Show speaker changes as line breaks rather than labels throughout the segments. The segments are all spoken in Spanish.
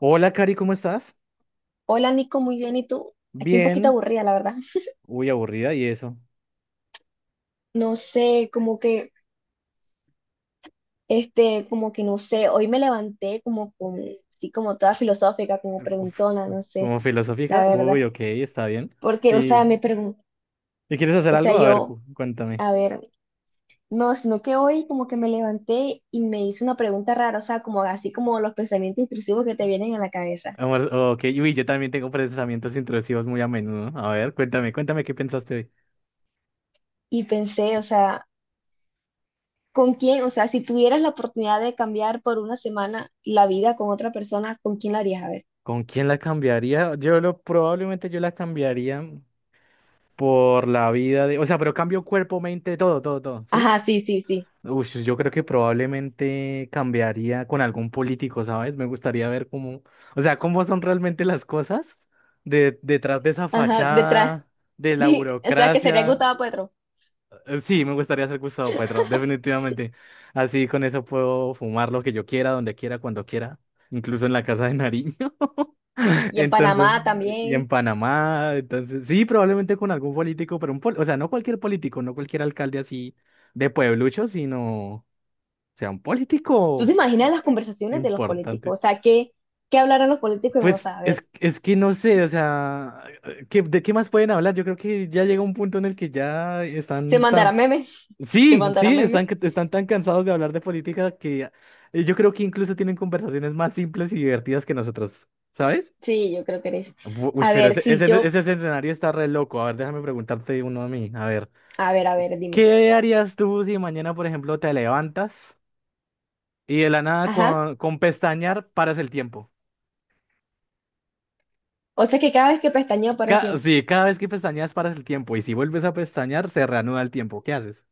Hola, Cari, ¿cómo estás?
Hola Nico, muy bien, ¿y tú? Aquí un poquito
Bien.
aburrida, la verdad.
Uy, aburrida, ¿y eso?
No sé, como que, como que no sé, hoy me levanté como con, sí, como toda filosófica, como
Uf,
preguntona, no sé,
¿como filosófica?
la
Uy,
verdad.
ok, está bien.
Porque, o sea,
¿Y,
me pregunto,
y quieres hacer
o sea,
algo? A ver,
yo,
cuéntame.
a ver, no, sino que hoy como que me levanté y me hice una pregunta rara, o sea, como así como los pensamientos intrusivos que te vienen a la cabeza.
Vamos, ok, uy, yo también tengo pensamientos intrusivos muy a menudo. A ver, cuéntame, cuéntame qué pensaste hoy.
Y pensé, o sea, ¿con quién? O sea, si tuvieras la oportunidad de cambiar por una semana la vida con otra persona, ¿con quién la harías? A ver.
¿Con quién la cambiaría? Probablemente yo la cambiaría por la vida de, o sea, pero cambio cuerpo, mente, todo, todo, todo, ¿sí?
Ajá, sí, sí, sí.
Uy, sí, yo creo que probablemente cambiaría con algún político, ¿sabes? Me gustaría ver cómo, o sea, cómo son realmente las cosas detrás de esa
Ajá, detrás.
fachada, de la
O sea, que sería
burocracia.
Gustavo Petro.
Sí, me gustaría ser Gustavo Petro, definitivamente. Así con eso puedo fumar lo que yo quiera, donde quiera, cuando quiera, incluso en la casa de Nariño.
Y en
Entonces,
Panamá
y en
también.
Panamá, entonces, sí, probablemente con algún político, pero o sea, no cualquier político, no cualquier alcalde así de pueblucho, sino sea, un
¿Tú te
político
imaginas las conversaciones de los
importante.
políticos? O sea, ¿qué hablarán los políticos en WhatsApp? A ver,
Es que no sé, o sea, ¿de qué más pueden hablar? Yo creo que ya llega un punto en el que ya
¿se
están tan...
mandarán memes? ¿Se
Sí,
mandarán
sí,
memes?
están tan cansados de hablar de política que yo creo que incluso tienen conversaciones más simples y divertidas que nosotros, ¿sabes?
Sí, yo creo que eres.
Uy,
A
pero
ver, si yo.
ese escenario está re loco. A ver, déjame preguntarte uno a mí. A ver,
A ver, dime.
¿qué harías tú si mañana, por ejemplo, te levantas y de la nada
Ajá.
con pestañear paras el tiempo?
O sea, que cada vez que pestañeo para el tiempo.
Sí, cada vez que pestañeas paras el tiempo y si vuelves a pestañear se reanuda el tiempo. ¿Qué haces?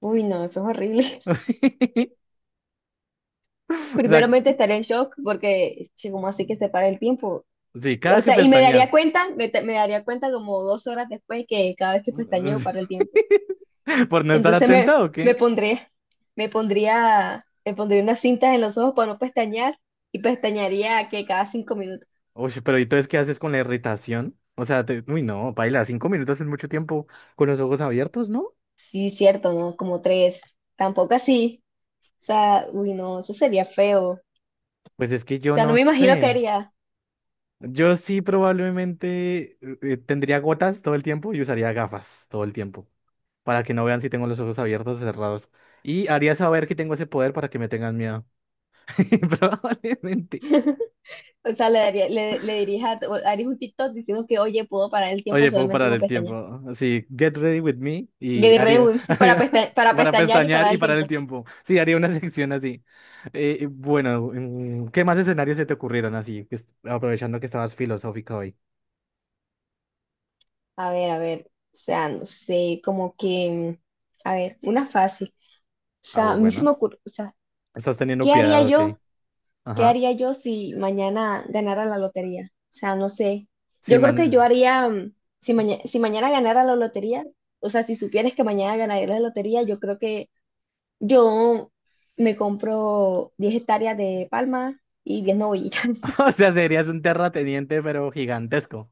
Uy, no, eso es horrible.
O sea,
Primeramente estaré en shock porque, che, ¿cómo así que se para el tiempo?
sí,
O
cada que
sea, y me daría
pestañeas.
cuenta, me daría cuenta como 2 horas después que cada vez que pestañeo para el tiempo.
¿Por no estar
Entonces me,
atenta o qué?
me pondré, me pondría, me pondría unas cintas en los ojos para no pestañear y pestañaría que cada 5 minutos.
Uy, pero ¿y entonces qué haces con la irritación? O sea, uy, no, paila, 5 minutos es mucho tiempo con los ojos abiertos, ¿no?
Sí, cierto, ¿no? Como tres. Tampoco así. O sea, uy, no, eso sería feo. O
Pues es que yo
sea, no
no
me imagino que
sé.
haría.
Yo sí probablemente tendría gotas todo el tiempo y usaría gafas todo el tiempo para que no vean si tengo los ojos abiertos o cerrados. Y haría saber que tengo ese poder para que me tengan miedo. Probablemente.
O sea, le daría, le diría, harías un TikTok diciendo que, oye, puedo parar el tiempo
Oye, puedo
solamente
parar
con
el
pestañear.
tiempo. Así, get ready with me
Le
y
diré,
haría,
uy, para
para
pestañear y
pestañear
parar
y
el
parar el
tiempo.
tiempo. Sí, haría una sección así. Bueno, ¿Qué más escenarios se te ocurrieron así? Aprovechando que estabas filosófica hoy.
A ver, a ver. O sea, no sé, como que, a ver, una fácil. O
Ah,
sea, a mí se me
bueno.
ocurre, o sea.
Estás teniendo
¿Qué haría
piedad, ok.
yo? ¿Qué
Ajá.
haría yo si mañana ganara la lotería? O sea, no sé.
Sí,
Yo creo que yo
mañana.
haría, si mañana ganara la lotería, o sea, si supieras que mañana ganaría la lotería, yo creo que yo me compro 10 hectáreas de palma y 10 novillitas.
O sea, serías un terrateniente, pero gigantesco.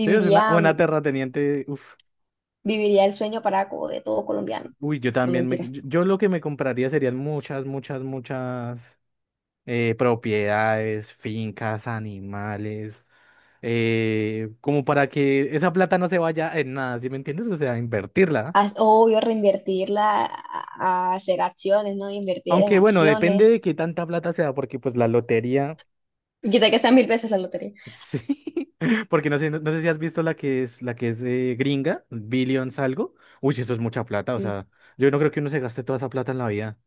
Sí, es una
mm,
terrateniente. Uf.
viviría el sueño paraco de todo colombiano.
Uy, yo
No
también me.
mentira.
Yo lo que me compraría serían muchas, muchas, muchas. Propiedades, fincas, animales, como para que esa plata no se vaya en nada, ¿sí me entiendes? O sea, invertirla.
Obvio, reinvertirla a hacer acciones, ¿no? Invertir en
Aunque bueno, depende
acciones.
de qué tanta plata sea, porque pues la lotería,
Y quitar que sean mil veces la lotería.
sí, porque no sé, no, no sé si has visto la que es gringa, billions algo. Uy, sí, eso es mucha plata, o
Mm.
sea, yo no creo que uno se gaste toda esa plata en la vida,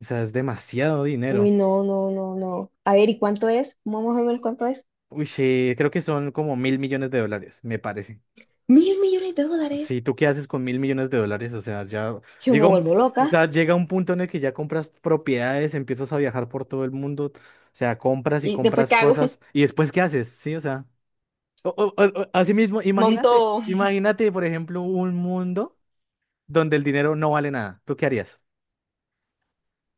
o sea, es demasiado
Uy,
dinero.
no, no, no, no. A ver, ¿y cuánto es? Vamos a ver cuánto es.
Uy, sí, creo que son como $1.000 millones, me parece.
Mil millones de dólares.
Sí, ¿tú qué haces con $1.000 millones? O sea, ya
Yo me
llega un,
vuelvo
o
loca.
sea, llega un punto en el que ya compras propiedades, empiezas a viajar por todo el mundo, o sea, compras y
¿Y después
compras
qué hago?
cosas, y después ¿qué haces? Sí, o sea, así mismo, imagínate,
Monto.
imagínate, por ejemplo, un mundo donde el dinero no vale nada. ¿Tú qué harías?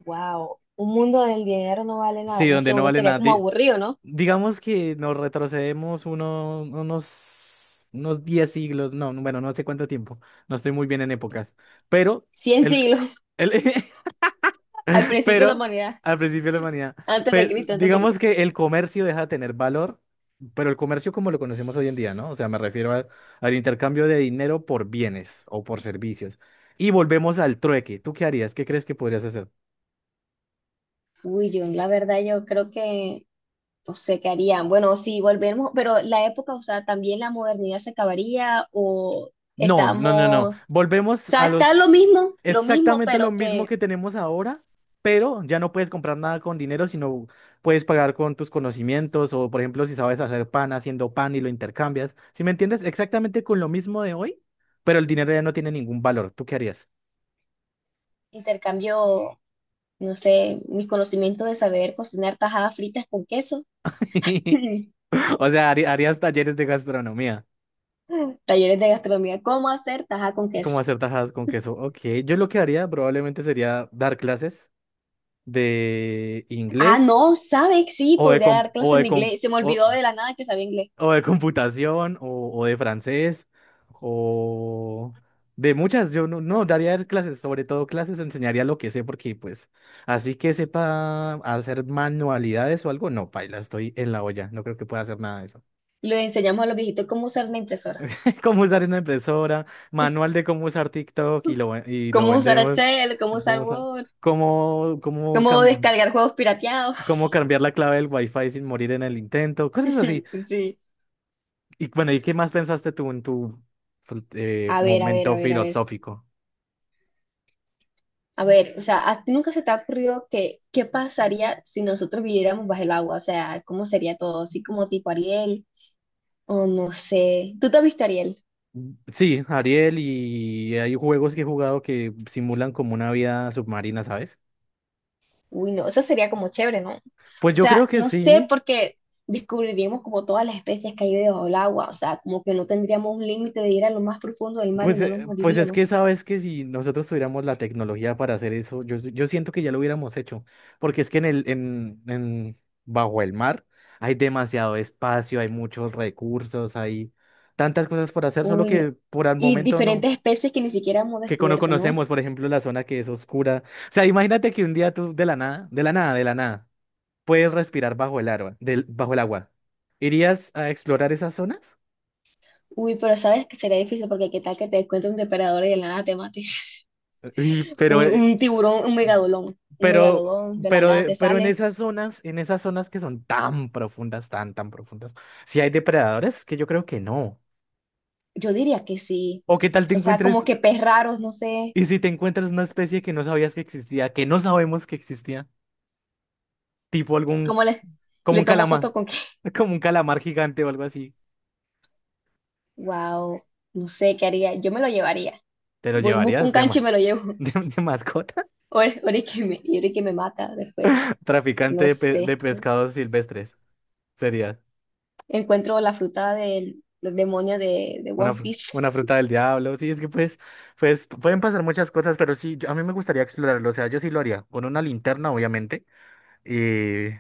Wow. Un mundo del dinero no vale nada.
Sí,
No
donde
sé,
no
uno
vale
estaría
nada.
como aburrido, ¿no?
Digamos que nos retrocedemos unos, unos 10 siglos, no, bueno, no sé cuánto tiempo, no estoy muy bien en épocas, pero
Cien
el...
siglos.
El,
Al principio de la
Pero
humanidad.
al principio de la humanidad,
Antes de Cristo, antes de
digamos
Cristo.
que el comercio deja de tener valor, pero el comercio como lo conocemos hoy en día, ¿no? O sea, al intercambio de dinero por bienes o por servicios. Y volvemos al trueque. ¿Tú qué harías? ¿Qué crees que podrías hacer?
Uy, yo, la verdad, yo creo que no sé qué harían. Bueno, si volvemos, pero la época, o sea, también la modernidad se acabaría o
No, no, no, no.
estamos. O
Volvemos
sea,
a
está
los
lo mismo,
Exactamente lo
pero
mismo
que
que tenemos ahora, pero ya no puedes comprar nada con dinero, sino puedes pagar con tus conocimientos o, por ejemplo, si sabes hacer pan, haciendo pan y lo intercambias. ¿Si me entiendes? Exactamente con lo mismo de hoy, pero el dinero ya no tiene ningún valor. ¿Tú qué harías?
intercambio. No sé, mis conocimientos de saber cocinar tajadas fritas con queso.
O sea, harías talleres de gastronomía,
Talleres de gastronomía, ¿cómo hacer tajada con
como
queso?
hacer tajadas con queso. Ok, yo lo que haría probablemente sería dar clases de
Ah,
inglés
no, ¿sabes? Sí,
o de...
podría
com-
dar clases
o
en
de com-
inglés. Se me olvidó
o-
de la nada que sabía inglés.
o de computación, o de francés, o de muchas. Yo no, no daría clases, sobre todo clases, enseñaría lo que sé, porque pues así que sepa hacer manualidades o algo, no, paila, estoy en la olla, no creo que pueda hacer nada de eso.
Les enseñamos a los viejitos cómo usar una impresora,
Cómo usar una impresora, manual de cómo usar TikTok y lo
cómo usar
vendemos.
Excel, cómo
Es
usar
como sa-
Word,
cómo, cómo,
cómo
cam-
descargar juegos pirateados.
cómo cambiar la clave del Wi-Fi sin morir en el intento, cosas así.
Sí.
Y bueno, ¿y qué más pensaste tú en tu
A ver, a ver,
momento
a ver, a ver.
filosófico?
A ver, o sea, ¿a ti nunca se te ha ocurrido que qué pasaría si nosotros viviéramos bajo el agua? O sea, ¿cómo sería todo? Así como tipo Ariel. O no sé. ¿Tú te has visto Ariel?
Sí, Ariel, y hay juegos que he jugado que simulan como una vida submarina, ¿sabes?
Uy, no, eso sería como chévere, ¿no?
Pues
O
yo
sea,
creo que
no sé
sí.
porque descubriríamos como todas las especies que hay debajo del agua. O sea, como que no tendríamos un límite de ir a lo más profundo del mar y no nos
Pues es que
moriríamos.
sabes que si nosotros tuviéramos la tecnología para hacer eso, yo siento que ya lo hubiéramos hecho. Porque es que en el, en, bajo el mar hay demasiado espacio, hay muchos recursos, hay tantas cosas por hacer, solo
Uy, no.
que por el
Y
momento
diferentes
no.
especies que ni siquiera hemos
Que no
descubierto, ¿no?
conocemos, por ejemplo, la zona que es oscura. O sea, imagínate que un día tú de la nada, de la nada, de la nada, puedes respirar bajo el agua, del, bajo el agua. ¿Irías a explorar esas zonas?
Uy, pero sabes que sería difícil porque qué tal que te encuentres un depredador y de la nada te mate.
Uy,
Un, un tiburón, un
pero,
megalodón, de la
pero,
nada
de-
te
pero
sale.
en esas zonas que son tan profundas, tan, tan profundas, si hay depredadores, que yo creo que no.
Yo diría que sí.
¿O qué tal te
O sea, como
encuentres,
que pez raros, no sé.
y si te encuentras una especie que no sabías que existía, que no sabemos que existía, tipo algún,
¿Cómo le,
como
le
un
tomo
calamar,
foto con qué?
como un calamar gigante o algo así?
Wow, no sé qué haría. Yo me lo llevaría.
¿Te lo
Voy, busco
llevarías
un
de,
canche y
ma-
me lo llevo.
¿de, de mascota?
Ahora ahora es que y ahora es que me mata después.
Traficante
No
de,
sé.
de pescados silvestres. Sería
Encuentro la fruta del demonio de One Piece.
una fruta del diablo. Sí, es que pues, pues pueden pasar muchas cosas, pero sí, yo- a mí me gustaría explorarlo. O sea, yo sí lo haría. Con una linterna, obviamente. Y,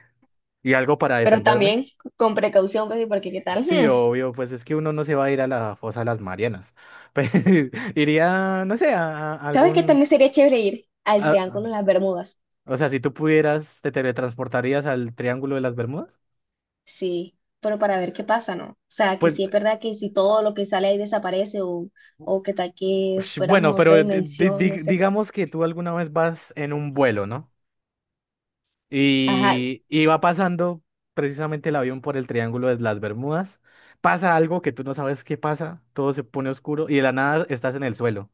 y algo para
Pero
defenderme.
también con precaución, pues, porque qué tal.
Sí,
Hmm.
obvio, pues es que uno no se va a ir a la fosa de las Marianas. Pues, iría, no sé, a
¿Sabes qué
algún...
también sería chévere ir al
a-
Triángulo de las Bermudas?
o sea, si tú pudieras, ¿te teletransportarías al Triángulo de las Bermudas?
Sí, pero para ver qué pasa, ¿no? O sea, que
Pues
sí es verdad que si todo lo que sale ahí desaparece o que tal que
Ush,
fuéramos
bueno,
a otra
pero
dimensión, no sé.
digamos que tú alguna vez vas en un vuelo, ¿no?
Ajá.
Y va pasando precisamente el avión por el Triángulo de las Bermudas. Pasa algo que tú no sabes qué pasa, todo se pone oscuro y de la nada estás en el suelo,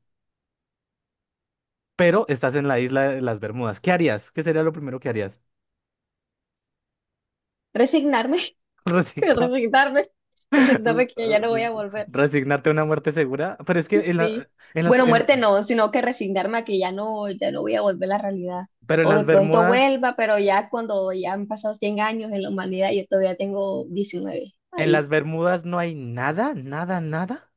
pero estás en la isla de las Bermudas. ¿Qué harías? ¿Qué sería lo primero que harías?
Resignarme,
Resignar,
resignarme, resignarme que ya no voy a volver.
resignarte a una muerte segura. Pero es que en la-
Sí.
en las,
Bueno,
en-
muerte no, sino que resignarme a que ya no voy a volver a la realidad.
pero
O de pronto vuelva, pero ya cuando ya han pasado 100 años en la humanidad, yo todavía tengo 19
En
ahí.
las Bermudas no hay nada, nada, nada.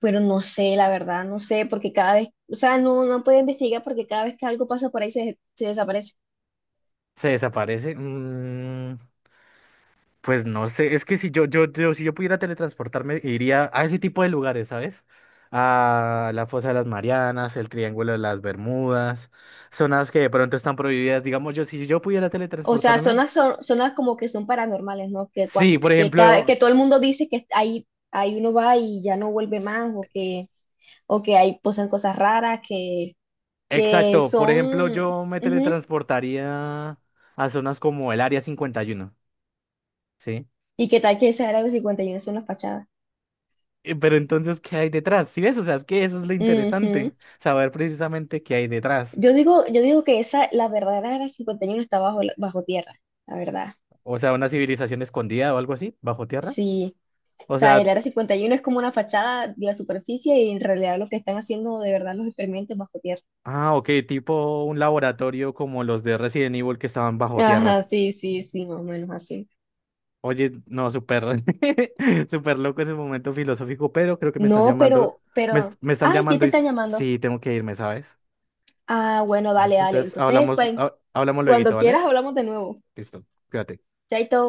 Pero no sé, la verdad, no sé, porque cada vez, o sea, no puedo investigar porque cada vez que algo pasa por ahí se desaparece.
¿Se desaparece? Mm, pues no sé, es que si yo, yo, yo, si yo pudiera teletransportarme, iría a ese tipo de lugares, ¿sabes? A la Fosa de las Marianas, el Triángulo de las Bermudas, zonas que de pronto están prohibidas. Digamos, yo, si yo pudiera
O sea,
teletransportarme,
zonas como que son paranormales, ¿no? Que,
sí,
cuando,
por
que, cada- que
ejemplo,
todo el mundo dice que ahí uno va y ya no vuelve
s-
más, o que ahí pasan cosas raras que
exacto, por ejemplo,
son.
yo me
Ujú.
teletransportaría a zonas como el Área 51, ¿sí?
Y que tal que esa Área del 51 es una fachada.
Pero entonces, ¿qué hay detrás? ¿Sí ves? O sea, es que eso es lo interesante,
Ujú.
saber precisamente qué hay detrás.
Yo digo que la verdadera Área 51 está bajo tierra, la verdad.
O sea, una civilización escondida o algo así, bajo tierra.
Sí. O
O
sea,
sea,
el Área 51 es como una fachada de la superficie y en realidad lo que están haciendo de verdad los experimentos bajo tierra.
ah, ok, tipo un laboratorio como los de Resident Evil que estaban bajo
Ajá,
tierra.
sí, sí, sí, más o menos así.
Oye, no, súper, súper loco ese momento filosófico, pero creo que me están
No,
llamando,
pero, pero,
me están
ay, ¿quién
llamando
te
y
están llamando?
sí, tengo que irme, ¿sabes?
Ah, bueno, dale,
Listo,
dale.
entonces
Entonces,
hablamos,
pues,
hablamos lueguito,
cuando
¿vale?
quieras hablamos de nuevo.
Listo, cuídate.
Chaito.